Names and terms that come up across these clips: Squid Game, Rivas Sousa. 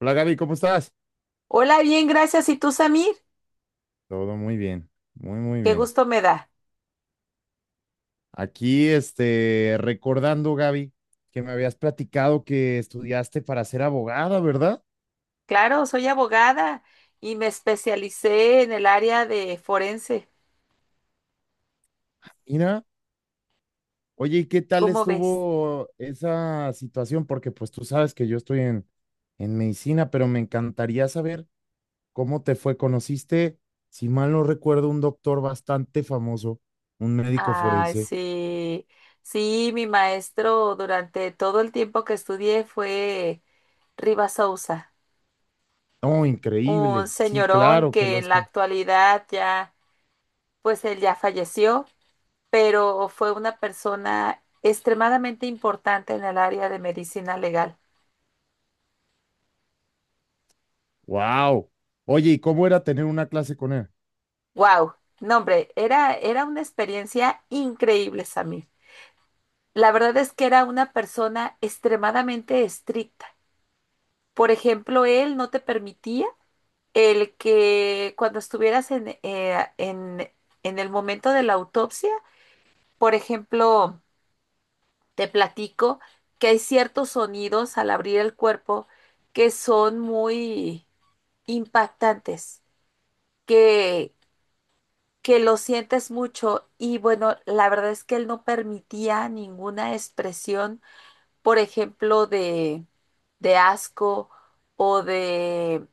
Hola Gaby, ¿cómo estás? Hola, bien, gracias. ¿Y tú, Samir? Todo muy bien, muy muy Qué bien. gusto me da. Aquí, recordando Gaby, que me habías platicado que estudiaste para ser abogada, ¿verdad? Claro, soy abogada y me especialicé en el área de forense. Mira, oye, ¿y qué tal ¿Cómo ves? estuvo esa situación? Porque pues tú sabes que yo estoy en medicina, pero me encantaría saber cómo te fue. Conociste, si mal no recuerdo, un doctor bastante famoso, un médico Ah, forense. sí. Sí, mi maestro durante todo el tiempo que estudié fue Rivas Sousa, Oh, un increíble. Sí, señorón claro que que en los... la actualidad ya, pues él ya falleció, pero fue una persona extremadamente importante en el área de medicina legal. Wow. Oye, ¿y cómo era tener una clase con él? Wow, no hombre, era una experiencia increíble, Samir. La verdad es que era una persona extremadamente estricta. Por ejemplo, él no te permitía el que cuando estuvieras en el momento de la autopsia, por ejemplo, te platico que hay ciertos sonidos al abrir el cuerpo que son muy impactantes, que, que lo sientes mucho y bueno, la verdad es que él no permitía ninguna expresión, por ejemplo, de asco o de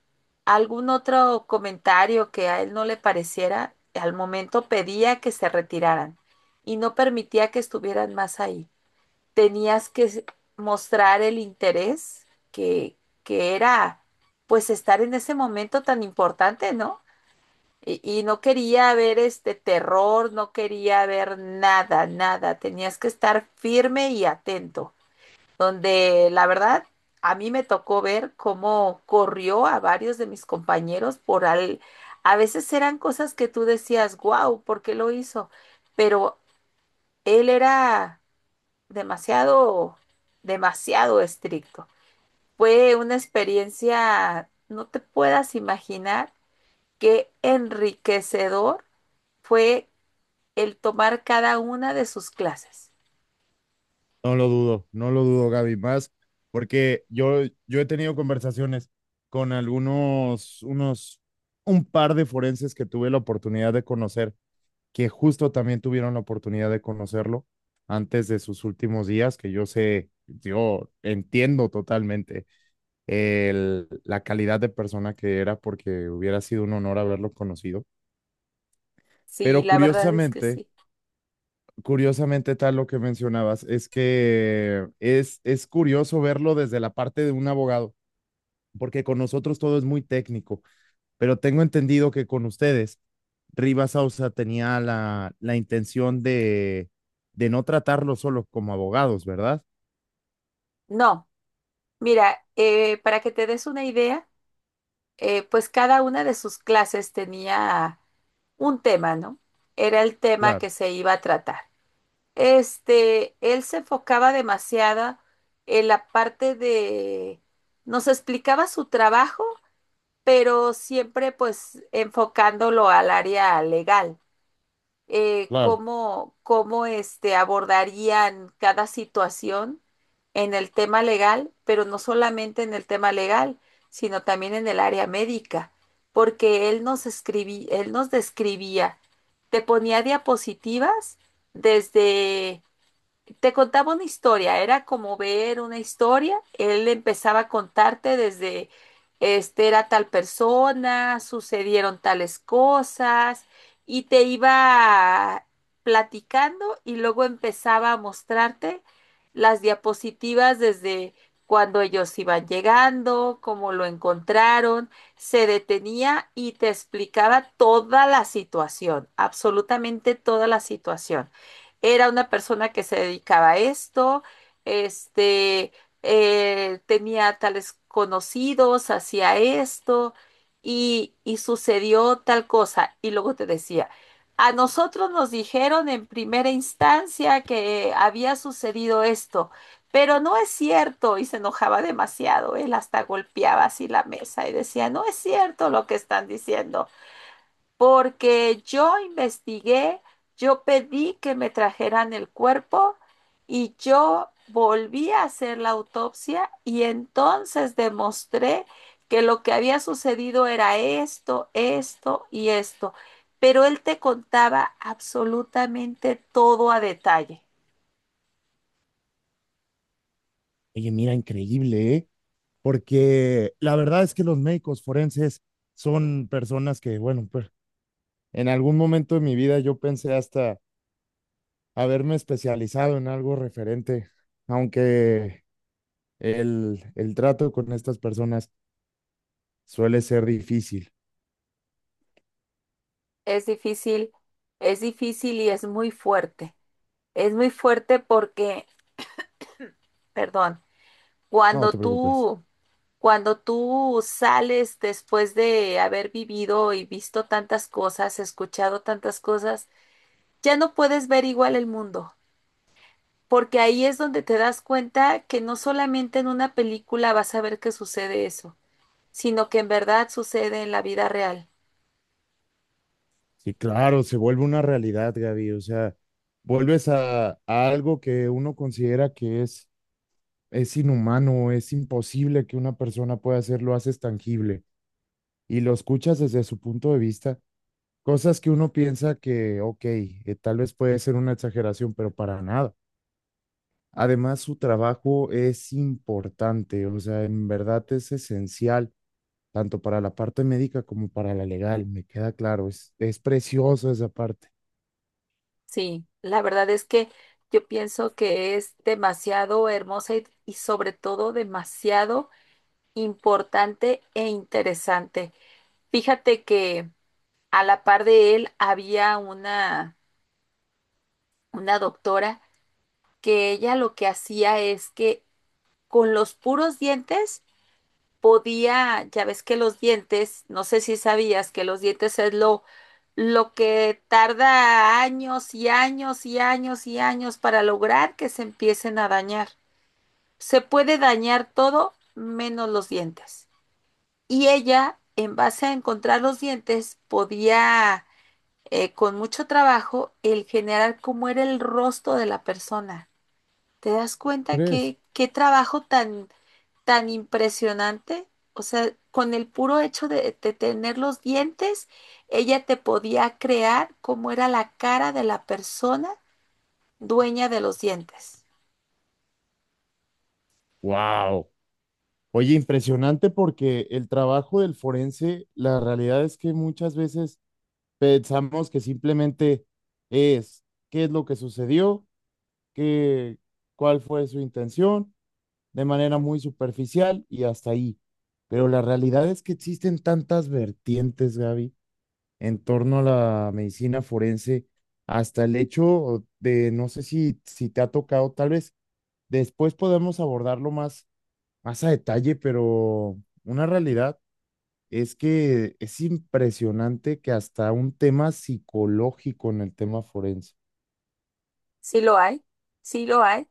algún otro comentario que a él no le pareciera, al momento pedía que se retiraran y no permitía que estuvieran más ahí. Tenías que mostrar el interés que, que era pues estar en ese momento tan importante, ¿no? Y no quería ver este terror, no quería ver nada, nada. Tenías que estar firme y atento. Donde la verdad, a mí me tocó ver cómo corrió a varios de mis compañeros por al... A veces eran cosas que tú decías, wow, ¿por qué lo hizo? Pero él era demasiado, demasiado estricto. Fue una experiencia, no te puedas imaginar, qué enriquecedor fue el tomar cada una de sus clases. No lo dudo, no lo dudo, Gaby, más porque yo he tenido conversaciones con un par de forenses que tuve la oportunidad de conocer, que justo también tuvieron la oportunidad de conocerlo antes de sus últimos días, que yo sé, yo entiendo totalmente la calidad de persona que era porque hubiera sido un honor haberlo conocido. Sí, Pero la verdad es que sí. Tal lo que mencionabas, es que es curioso verlo desde la parte de un abogado, porque con nosotros todo es muy técnico, pero tengo entendido que con ustedes, Rivas Ausa tenía la intención de no tratarlo solo como abogados, ¿verdad? No, mira, para que te des una idea, pues cada una de sus clases tenía un tema, ¿no? Era el tema Claro, que se iba a tratar. Él se enfocaba demasiado en la parte de, nos explicaba su trabajo, pero siempre pues enfocándolo al área legal. eh, claro. cómo, cómo este, abordarían cada situación en el tema legal, pero no solamente en el tema legal, sino también en el área médica, porque él nos describía, te ponía diapositivas desde te contaba una historia, era como ver una historia. Él empezaba a contarte desde, este era tal persona, sucedieron tales cosas, y te iba platicando y luego empezaba a mostrarte las diapositivas desde cuando ellos iban llegando, cómo lo encontraron, se detenía y te explicaba toda la situación, absolutamente toda la situación. Era una persona que se dedicaba a esto, este, tenía tales conocidos, hacía esto y sucedió tal cosa. Y luego te decía, a nosotros nos dijeron en primera instancia que había sucedido esto, pero no es cierto. Y se enojaba demasiado. Él hasta golpeaba así la mesa y decía, no es cierto lo que están diciendo porque yo investigué, yo pedí que me trajeran el cuerpo y yo volví a hacer la autopsia y entonces demostré que lo que había sucedido era esto, esto y esto. Pero él te contaba absolutamente todo a detalle. Oye, mira, increíble, ¿eh? Porque la verdad es que los médicos forenses son personas que, bueno, pues en algún momento de mi vida yo pensé hasta haberme especializado en algo referente, aunque el trato con estas personas suele ser difícil. Es difícil, es difícil y es muy fuerte. Es muy fuerte porque, perdón, No cuando te preocupes. tú Cuando tú sales después de haber vivido y visto tantas cosas, escuchado tantas cosas, ya no puedes ver igual el mundo, porque ahí es donde te das cuenta que no solamente en una película vas a ver que sucede eso, sino que en verdad sucede en la vida real. Sí, claro, se vuelve una realidad, Gaby. O sea, vuelves a algo que uno considera que es inhumano, es imposible que una persona pueda hacer, lo haces tangible y lo escuchas desde su punto de vista. Cosas que uno piensa que, ok, tal vez puede ser una exageración, pero para nada. Además, su trabajo es importante, o sea, en verdad es esencial, tanto para la parte médica como para la legal, me queda claro, es precioso esa parte, Sí, la verdad es que yo pienso que es demasiado hermosa y sobre todo demasiado importante e interesante. Fíjate que... A la par de él había una doctora que ella lo que hacía es que con los puros dientes podía, ya ves que los dientes, no sé si sabías que los dientes es lo que tarda años y años y años y años para lograr que se empiecen a dañar. Se puede dañar todo menos los dientes. Y ella, en base a encontrar los dientes, podía con mucho trabajo el generar cómo era el rostro de la persona. ¿Te das cuenta ¿crees? que qué trabajo tan, tan impresionante? O sea, con el puro hecho de tener los dientes, ella te podía crear cómo era la cara de la persona dueña de los dientes. Wow. Oye, impresionante porque el trabajo del forense, la realidad es que muchas veces pensamos que simplemente es qué es lo que sucedió, qué, cuál fue su intención de manera muy superficial y hasta ahí. Pero la realidad es que existen tantas vertientes, Gaby, en torno a la medicina forense, hasta el hecho de, no sé si te ha tocado, tal vez después podemos abordarlo más, más a detalle, pero una realidad es que es impresionante que hasta un tema psicológico en el tema forense. Sí lo hay, sí lo hay.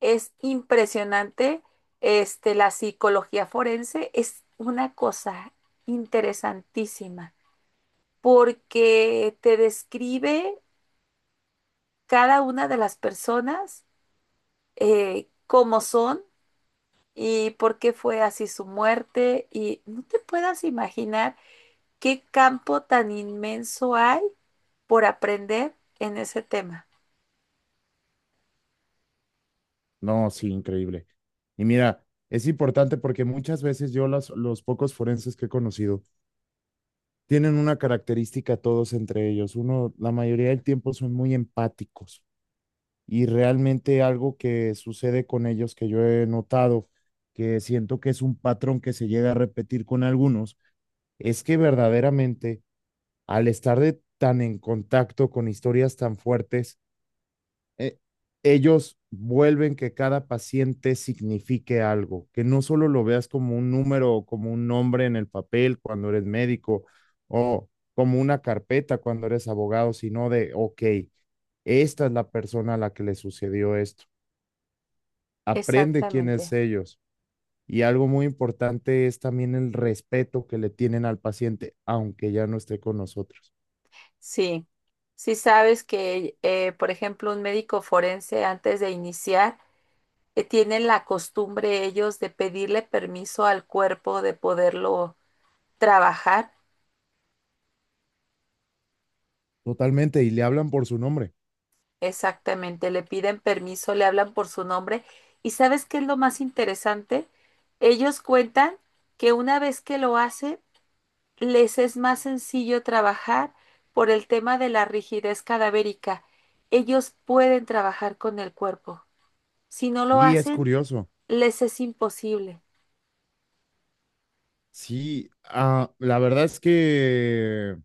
Es impresionante. La psicología forense es una cosa interesantísima. Porque te describe cada una de las personas, cómo son y por qué fue así su muerte. Y no te puedas imaginar qué campo tan inmenso hay por aprender en ese tema. No, sí, increíble. Y mira, es importante porque muchas veces yo los pocos forenses que he conocido tienen una característica todos entre ellos. Uno, la mayoría del tiempo son muy empáticos y realmente algo que sucede con ellos que yo he notado, que siento que es un patrón que se llega a repetir con algunos, es que verdaderamente al estar tan en contacto con historias tan fuertes, eh, ellos vuelven que cada paciente signifique algo, que no solo lo veas como un número o como un nombre en el papel cuando eres médico o como una carpeta cuando eres abogado, sino de, ok, esta es la persona a la que le sucedió esto. Aprende quién es Exactamente. ellos. Y algo muy importante es también el respeto que le tienen al paciente, aunque ya no esté con nosotros. Sí. Sí sabes que, por ejemplo, un médico forense antes de iniciar, tienen la costumbre ellos de pedirle permiso al cuerpo de poderlo trabajar. Totalmente, y le hablan por su nombre. Exactamente, le piden permiso, le hablan por su nombre. ¿Y sabes qué es lo más interesante? Ellos cuentan que una vez que lo hacen, les es más sencillo trabajar por el tema de la rigidez cadavérica. Ellos pueden trabajar con el cuerpo. Si no lo Sí, es hacen, curioso. les es imposible. Sí, ah, la verdad es que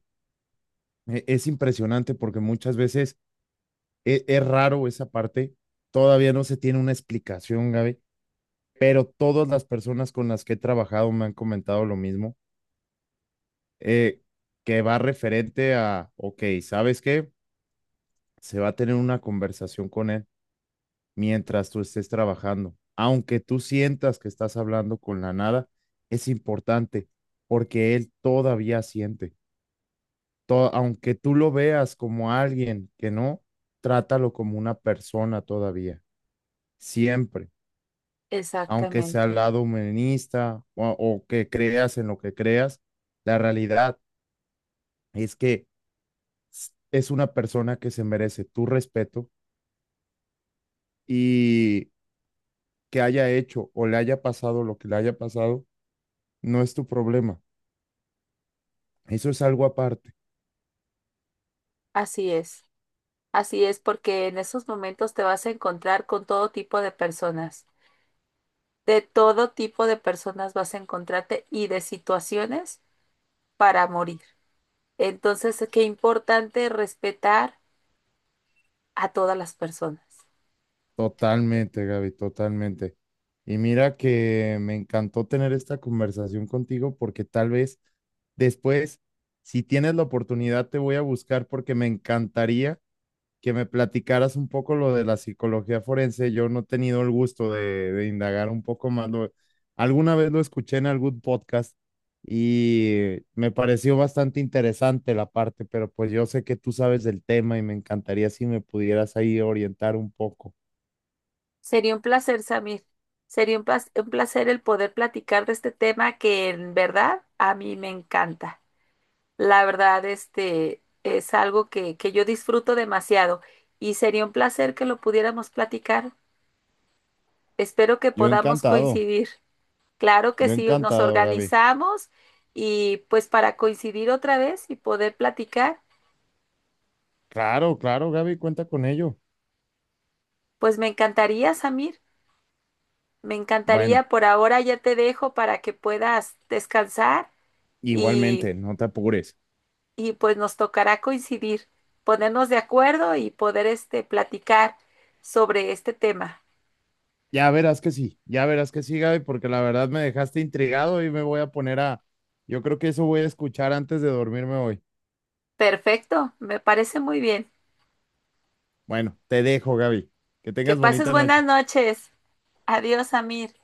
es impresionante porque muchas veces es, raro esa parte, todavía no se tiene una explicación, Gaby, pero todas las personas con las que he trabajado me han comentado lo mismo, eh, que va referente a, ok, ¿sabes qué? Se va a tener una conversación con él mientras tú estés trabajando, aunque tú sientas que estás hablando con la nada, es importante porque él todavía siente. Aunque tú lo veas como alguien que no, trátalo como una persona todavía, siempre, aunque sea al Exactamente, lado humanista o que creas en lo que creas, la realidad es que es una persona que se merece tu respeto y que haya hecho o le haya pasado lo que le haya pasado, no es tu problema. Eso es algo aparte. así es. Así es, porque en esos momentos te vas a encontrar con todo tipo de personas. De todo tipo de personas vas a encontrarte y de situaciones para morir. Entonces, qué importante respetar a todas las personas. Totalmente, Gaby, totalmente. Y mira que me encantó tener esta conversación contigo porque tal vez después, si tienes la oportunidad, te voy a buscar porque me encantaría que me platicaras un poco lo de la psicología forense. Yo no he tenido el gusto de indagar un poco más. Alguna vez lo escuché en algún podcast y me pareció bastante interesante la parte, pero pues yo sé que tú sabes del tema y me encantaría si me pudieras ahí orientar un poco. Sería un placer, Samir. Sería un un placer el poder platicar de este tema que en verdad a mí me encanta. La verdad, este es algo que yo disfruto demasiado y sería un placer que lo pudiéramos platicar. Espero que Yo podamos encantado, coincidir. Claro que yo sí, nos encantado, Gaby. organizamos y pues para coincidir otra vez y poder platicar, Claro, claro, Gaby, cuenta con ello. pues me encantaría, Samir, me Bueno, encantaría. Por ahora ya te dejo para que puedas descansar y, igualmente, no te apures. y pues nos tocará coincidir, ponernos de acuerdo y poder platicar sobre este tema. Ya verás que sí, ya verás que sí, Gaby, porque la verdad me dejaste intrigado y me voy a poner a... Yo creo que eso voy a escuchar antes de dormirme hoy. Perfecto, me parece muy bien. Bueno, te dejo, Gaby. Que Que tengas pases bonita buenas noche. noches. Adiós, Samir.